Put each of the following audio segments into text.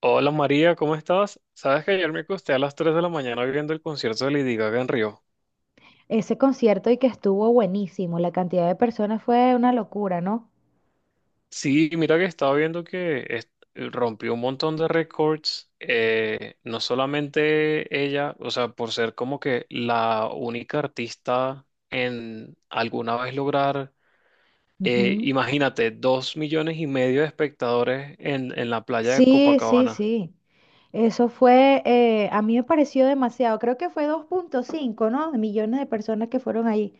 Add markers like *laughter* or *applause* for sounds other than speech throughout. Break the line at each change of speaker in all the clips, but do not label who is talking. Hola María, ¿cómo estás? Sabes que ayer me acosté a las 3 de la mañana viendo el concierto de Lady Gaga en Río.
Ese concierto y que estuvo buenísimo. La cantidad de personas fue una locura, ¿no?
Sí, mira que estaba viendo que rompió un montón de récords, no solamente ella, o sea, por ser como que la única artista en alguna vez lograr,
Ujú.
imagínate, dos millones y medio de espectadores en la playa de
Sí, sí,
Copacabana,
sí. Eso fue, a mí me pareció demasiado. Creo que fue 2,5, ¿no? Millones de personas que fueron ahí.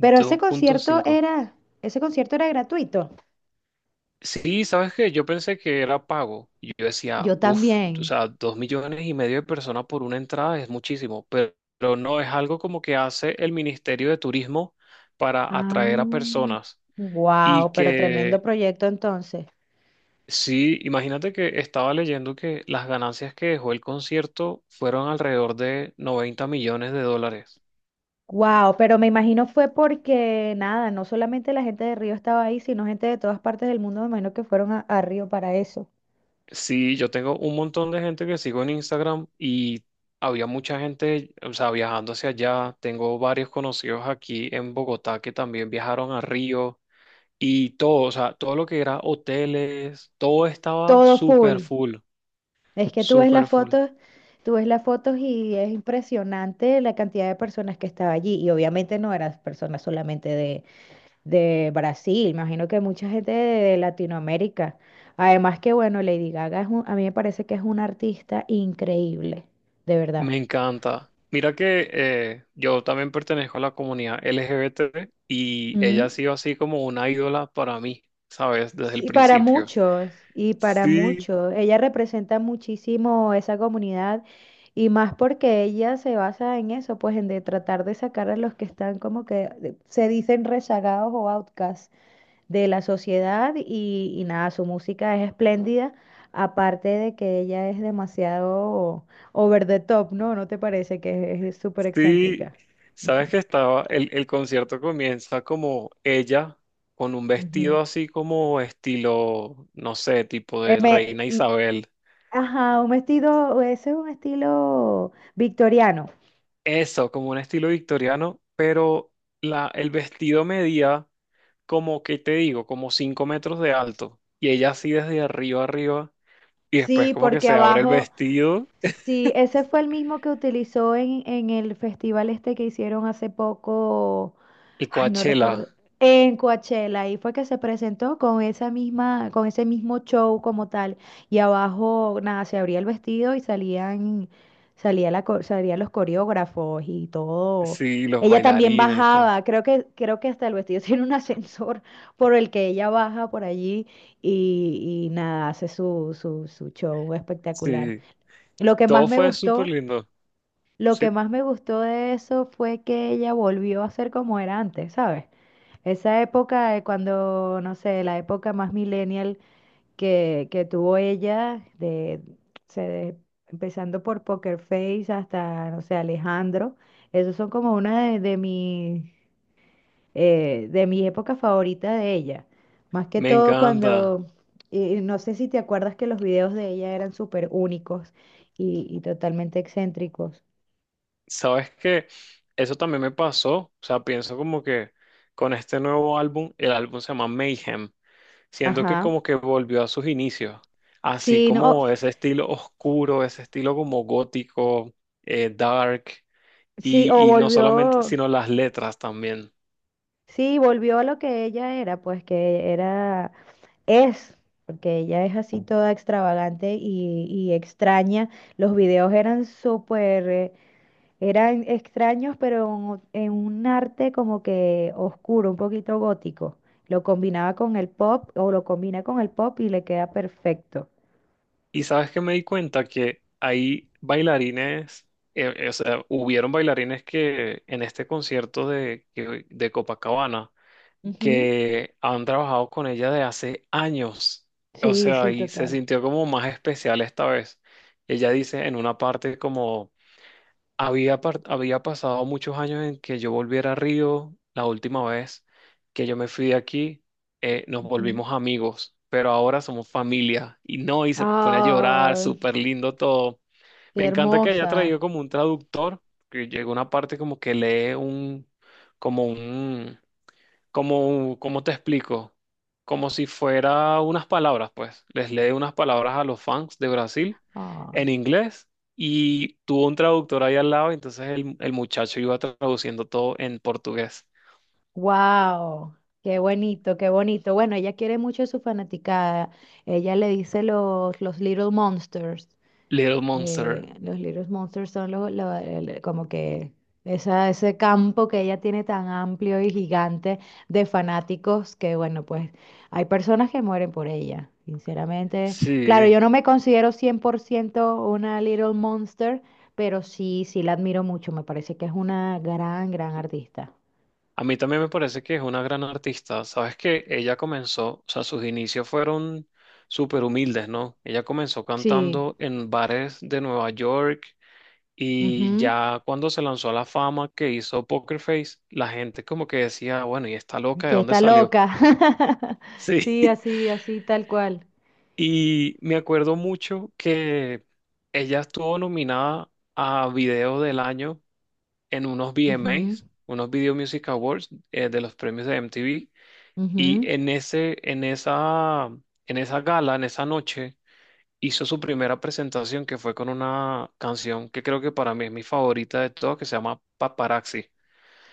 Pero ese
punto
concierto
cinco.
era, ese concierto era gratuito.
Sí, ¿sabes qué? Yo pensé que era pago. Y yo decía,
Yo
uff, o
también.
sea, dos millones y medio de personas por una entrada es muchísimo, pero no es algo como que hace el Ministerio de Turismo para atraer a
Ah,
personas. Y
wow, pero tremendo
que,
proyecto entonces.
sí, imagínate que estaba leyendo que las ganancias que dejó el concierto fueron alrededor de 90 millones de dólares.
Wow, pero me imagino fue porque nada, no solamente la gente de Río estaba ahí, sino gente de todas partes del mundo, me imagino que fueron a Río para eso.
Sí, yo tengo un montón de gente que sigo en Instagram y había mucha gente, o sea, viajando hacia allá. Tengo varios conocidos aquí en Bogotá que también viajaron a Río y todo, o sea, todo lo que era hoteles, todo estaba
Todo
súper
full.
full,
Es que tú ves
súper
las
full.
fotos, tú ves las fotos y es impresionante la cantidad de personas que estaba allí. Y obviamente no eran personas solamente de Brasil, imagino que mucha gente de Latinoamérica. Además que bueno, Lady Gaga a mí me parece que es una artista increíble, de verdad.
Me encanta. Mira que yo también pertenezco a la comunidad LGBT y ella
Mm.
ha sido así como una ídola para mí, ¿sabes? Desde el
Sí, para
principio.
muchos, y para
Sí,
muchos. Ella representa muchísimo esa comunidad y más porque ella se basa en eso, pues en de tratar de sacar a los que están como que se dicen rezagados o outcasts de la sociedad y, nada, su música es espléndida, aparte de que ella es demasiado over the top, ¿no? ¿No te parece que es súper
sí,
excéntrica?
sabes que
*laughs*
estaba, el concierto comienza como ella, con un
Ujú.
vestido así como estilo, no sé, tipo
Eh,
de
me-
Reina Isabel.
Ajá, un vestido, ese es un estilo victoriano.
Eso, como un estilo victoriano, pero el vestido medía como, ¿qué te digo? Como 5 metros de alto. Y ella así desde arriba. Y después
Sí,
como que
porque
se abre el
abajo,
vestido
sí, ese fue el mismo que utilizó en, el festival este que hicieron hace poco.
y
Ay, no
Coachella.
recuerdo. En Coachella, ahí fue que se presentó con esa misma, con ese mismo show como tal. Y abajo, nada, se abría el vestido y salían, salía la, co- Salían los coreógrafos y todo.
Sí, los
Ella también
bailarines y todo.
bajaba, creo que hasta el vestido *laughs* tiene un ascensor por el que ella baja por allí y, nada, hace su, su show espectacular.
Sí,
Lo que
todo
más me
fue súper
gustó,
lindo.
lo que
Sí,
más me gustó de eso fue que ella volvió a ser como era antes, ¿sabes? Esa época de cuando, no sé, la época más millennial que tuvo ella, se de- empezando por Poker Face hasta, no sé, Alejandro, esos son como una de, de mis épocas favoritas de ella. Más que
me
todo
encanta.
cuando, y no sé si te acuerdas que los videos de ella eran súper únicos y, totalmente excéntricos.
Sabes que eso también me pasó, o sea, pienso como que con este nuevo álbum, el álbum se llama Mayhem, siento que
Ajá.
como que volvió a sus inicios, así
Sí, no,
como ese estilo oscuro, ese estilo como gótico, dark,
sí, o
y no solamente,
volvió.
sino las letras también.
Sí, volvió a lo que ella era, pues que era, es, porque ella es así toda extravagante y, extraña. Los videos eran súper, eran extraños, pero en un arte como que oscuro, un poquito gótico. Lo combinaba con el pop o lo combina con el pop y le queda perfecto.
Y sabes que me di cuenta que hay bailarines, o sea, hubieron bailarines que en este concierto de Copacabana,
Ujú.
que han trabajado con ella de hace años. O
Sí,
sea,
sí,
y se
total.
sintió como más especial esta vez. Ella dice en una parte como había pasado muchos años en que yo volviera a Río la última vez que yo me fui de aquí, nos
Ujú.
volvimos amigos, pero ahora somos familia. Y no, y se pone a llorar,
Ah,
súper lindo todo. Me
qué
encanta que haya
hermosa.
traído como un traductor, que llega una parte como que lee un, como, ¿cómo te explico? Como si fuera unas palabras, pues. Les lee unas palabras a los fans de Brasil
Ay.
en inglés y tuvo un traductor ahí al lado, entonces el muchacho iba traduciendo todo en portugués.
Wow, qué bonito, qué bonito. Bueno, ella quiere mucho a su fanaticada. Ella le dice los, Little Monsters.
Little Monster.
Los Little Monsters son como que ese campo que ella tiene tan amplio y gigante de fanáticos que, bueno, pues hay personas que mueren por ella, sinceramente. Claro,
Sí.
yo no me considero 100% una Little Monster, pero sí, sí la admiro mucho. Me parece que es una gran, gran artista.
A mí también me parece que es una gran artista. Sabes que ella comenzó, o sea, sus inicios fueron súper humildes, ¿no? Ella comenzó
Sí.
cantando en bares de Nueva York. Y
Ujú.
ya cuando se lanzó a la fama que hizo Poker Face, la gente como que decía, bueno, ¿y esta loca de
Que
dónde
está
salió?
loca. *laughs*
Sí.
Sí,
*laughs*
así, así, tal cual.
Y me acuerdo mucho que ella estuvo nominada a Video del Año en unos
Ujú,
VMAs, unos Video Music Awards, de los premios de MTV. Y
ujú.
en ese, en esa, en esa gala, en esa noche, hizo su primera presentación que fue con una canción que creo que para mí es mi favorita de todas, que se llama Paparazzi.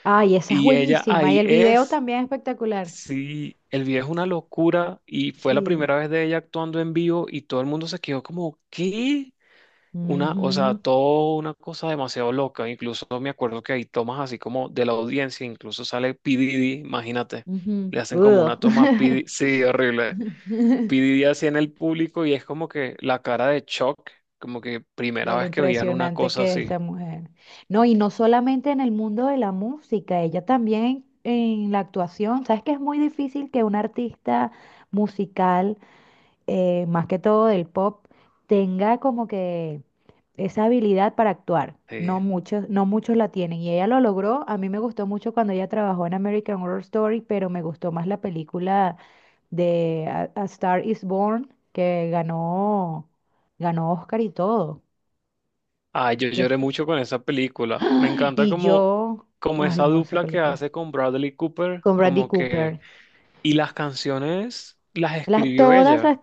Ay, esa es
Y ella
buenísima. Y
ahí
el video
es,
también es espectacular.
sí, el video es una locura y fue la
Sí.
primera vez de ella actuando en vivo y todo el mundo se quedó como, ¿qué? Una, o sea,
Ujú,
todo una cosa demasiado loca. Incluso me acuerdo que hay tomas así como de la audiencia, incluso sale P. Diddy, imagínate,
ujú.
le hacen como
Udo.
una toma a P. Diddy, sí, horrible. P. Diddy así en el público y es como que la cara de shock, como que
*laughs*
primera
De lo
vez que veían una
impresionante
cosa
que es
así.
esa mujer. No, y no solamente en el mundo de la música, ella también en la actuación. ¿Sabes que es muy difícil que un artista musical más que todo del pop, tenga como que esa habilidad para actuar? No
Sí.
muchos, no muchos la tienen y ella lo logró. A mí me gustó mucho cuando ella trabajó en American Horror Story, pero me gustó más la película de A Star is Born, que ganó, Oscar y todo.
Ay, yo
Que
lloré
fu-
mucho con esa película. Me encanta
y
como,
yo,
como
Ay
esa
no, esa
dupla que
película.
hace con Bradley Cooper,
Con Bradley
como
Cooper.
que... Y las canciones las
Las,
escribió
todas
ella.
las...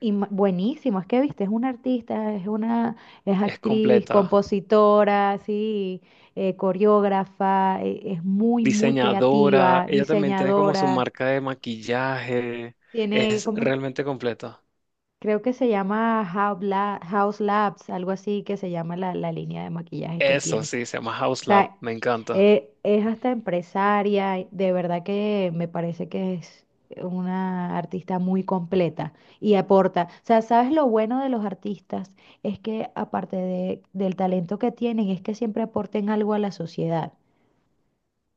y- ma- Buenísimo, es que viste, es una artista, es
Es
actriz,
completa.
compositora, sí, coreógrafa, es muy, muy
Diseñadora.
creativa,
Ella también tiene como su
diseñadora.
marca de maquillaje.
Tiene,
Es
como,
realmente completa.
creo que se llama House Labs, algo así que se llama la, línea de maquillaje que
Eso
tiene.
sí, se llama
O
House Lab.
sea,
Me encanta.
es hasta empresaria, y de verdad que me parece que es una artista muy completa y aporta. O sea, ¿sabes lo bueno de los artistas? Es que aparte del talento que tienen, es que siempre aporten algo a la sociedad,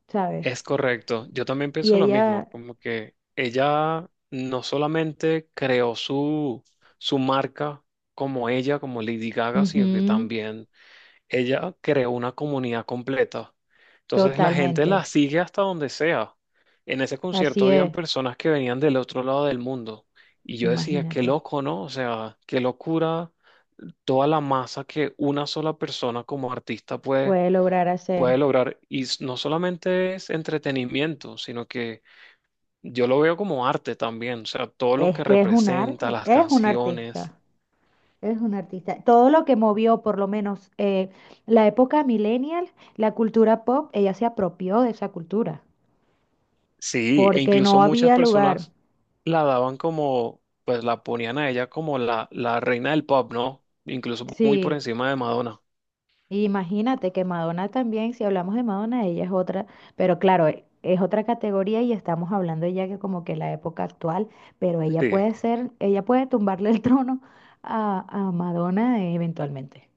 ¿sabes?
Es correcto, yo también
Y
pienso lo mismo,
ella,
como que ella no solamente creó su, su marca como ella, como Lady Gaga, sino que
ujú,
también ella creó una comunidad completa. Entonces la gente la
totalmente,
sigue hasta donde sea. En ese concierto
así
habían
es,
personas que venían del otro lado del mundo y yo decía, qué
imagínate,
loco, ¿no? O sea, qué locura toda la masa que una sola persona como artista puede
puede lograr hacer.
puede lograr. Y s- no solamente es entretenimiento, sino que yo lo veo como arte también, o sea, todo lo que
Es que es un
representa,
arte,
las
es un
canciones.
artista. Es un artista. Todo lo que movió, por lo menos, la época millennial, la cultura pop, ella se apropió de esa cultura,
Sí, e
porque
incluso
no
muchas
había lugar.
personas la daban como, pues la ponían a ella como la reina del pop, ¿no? Incluso muy por
Sí,
encima de Madonna.
imagínate que Madonna también, si hablamos de Madonna, ella es otra, pero claro, es otra categoría y estamos hablando ya que como que la época actual, pero
Sí.
ella puede tumbarle el *laughs* trono a Madonna eventualmente,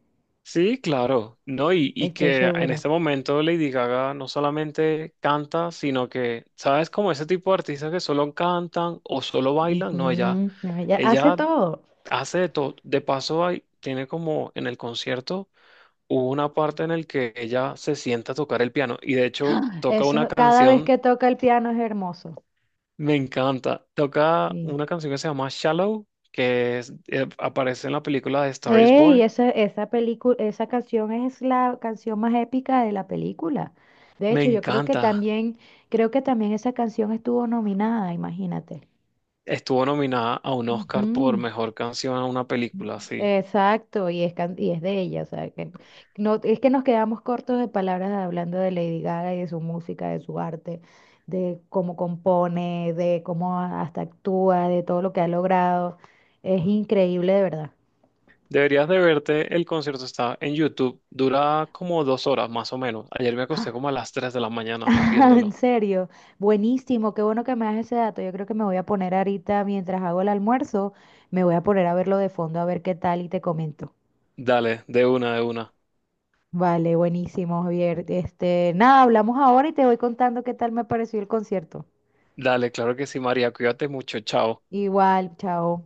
Sí, claro, ¿no? Y
estoy
que en
segura.
este momento Lady Gaga no solamente canta, sino que, ¿sabes? Como ese tipo de artistas que solo cantan o solo bailan, no, ella,
Ujú, no, ella hace
ella
todo.
hace de todo. De paso, hay, tiene como en el concierto hubo una parte en el que ella se sienta a tocar el piano y de hecho toca una
Eso, cada vez
canción,
que toca el piano es hermoso.
me encanta. Toca
Sí.
una canción que se llama Shallow, aparece en la película de Star is
Y
Born.
esa película, esa canción es la canción más épica de la película. De
Me
hecho, yo creo que
encanta.
también, esa canción estuvo nominada, imagínate.
Estuvo nominada a un Oscar por
Ujú.
mejor canción a una película, sí.
Exacto, y es de ella, o sea, que no, es que nos quedamos cortos de palabras hablando de Lady Gaga y de su música, de su arte, de cómo compone, de cómo hasta actúa, de todo lo que ha logrado. Es increíble, de verdad.
Deberías de verte, el concierto está en YouTube, dura como dos horas más o menos. Ayer me acosté como a las 3 de la mañana
*laughs* Ah, en
viéndolo.
serio, buenísimo, qué bueno que me das ese dato. Yo creo que me voy a poner ahorita, mientras hago el almuerzo, me voy a poner a verlo de fondo a ver qué tal y te comento.
Dale, de una, de una.
Vale, buenísimo, Javier. Este, nada, hablamos ahora y te voy contando qué tal me pareció el concierto.
Dale, claro que sí, María. Cuídate mucho. Chao.
Igual, chao.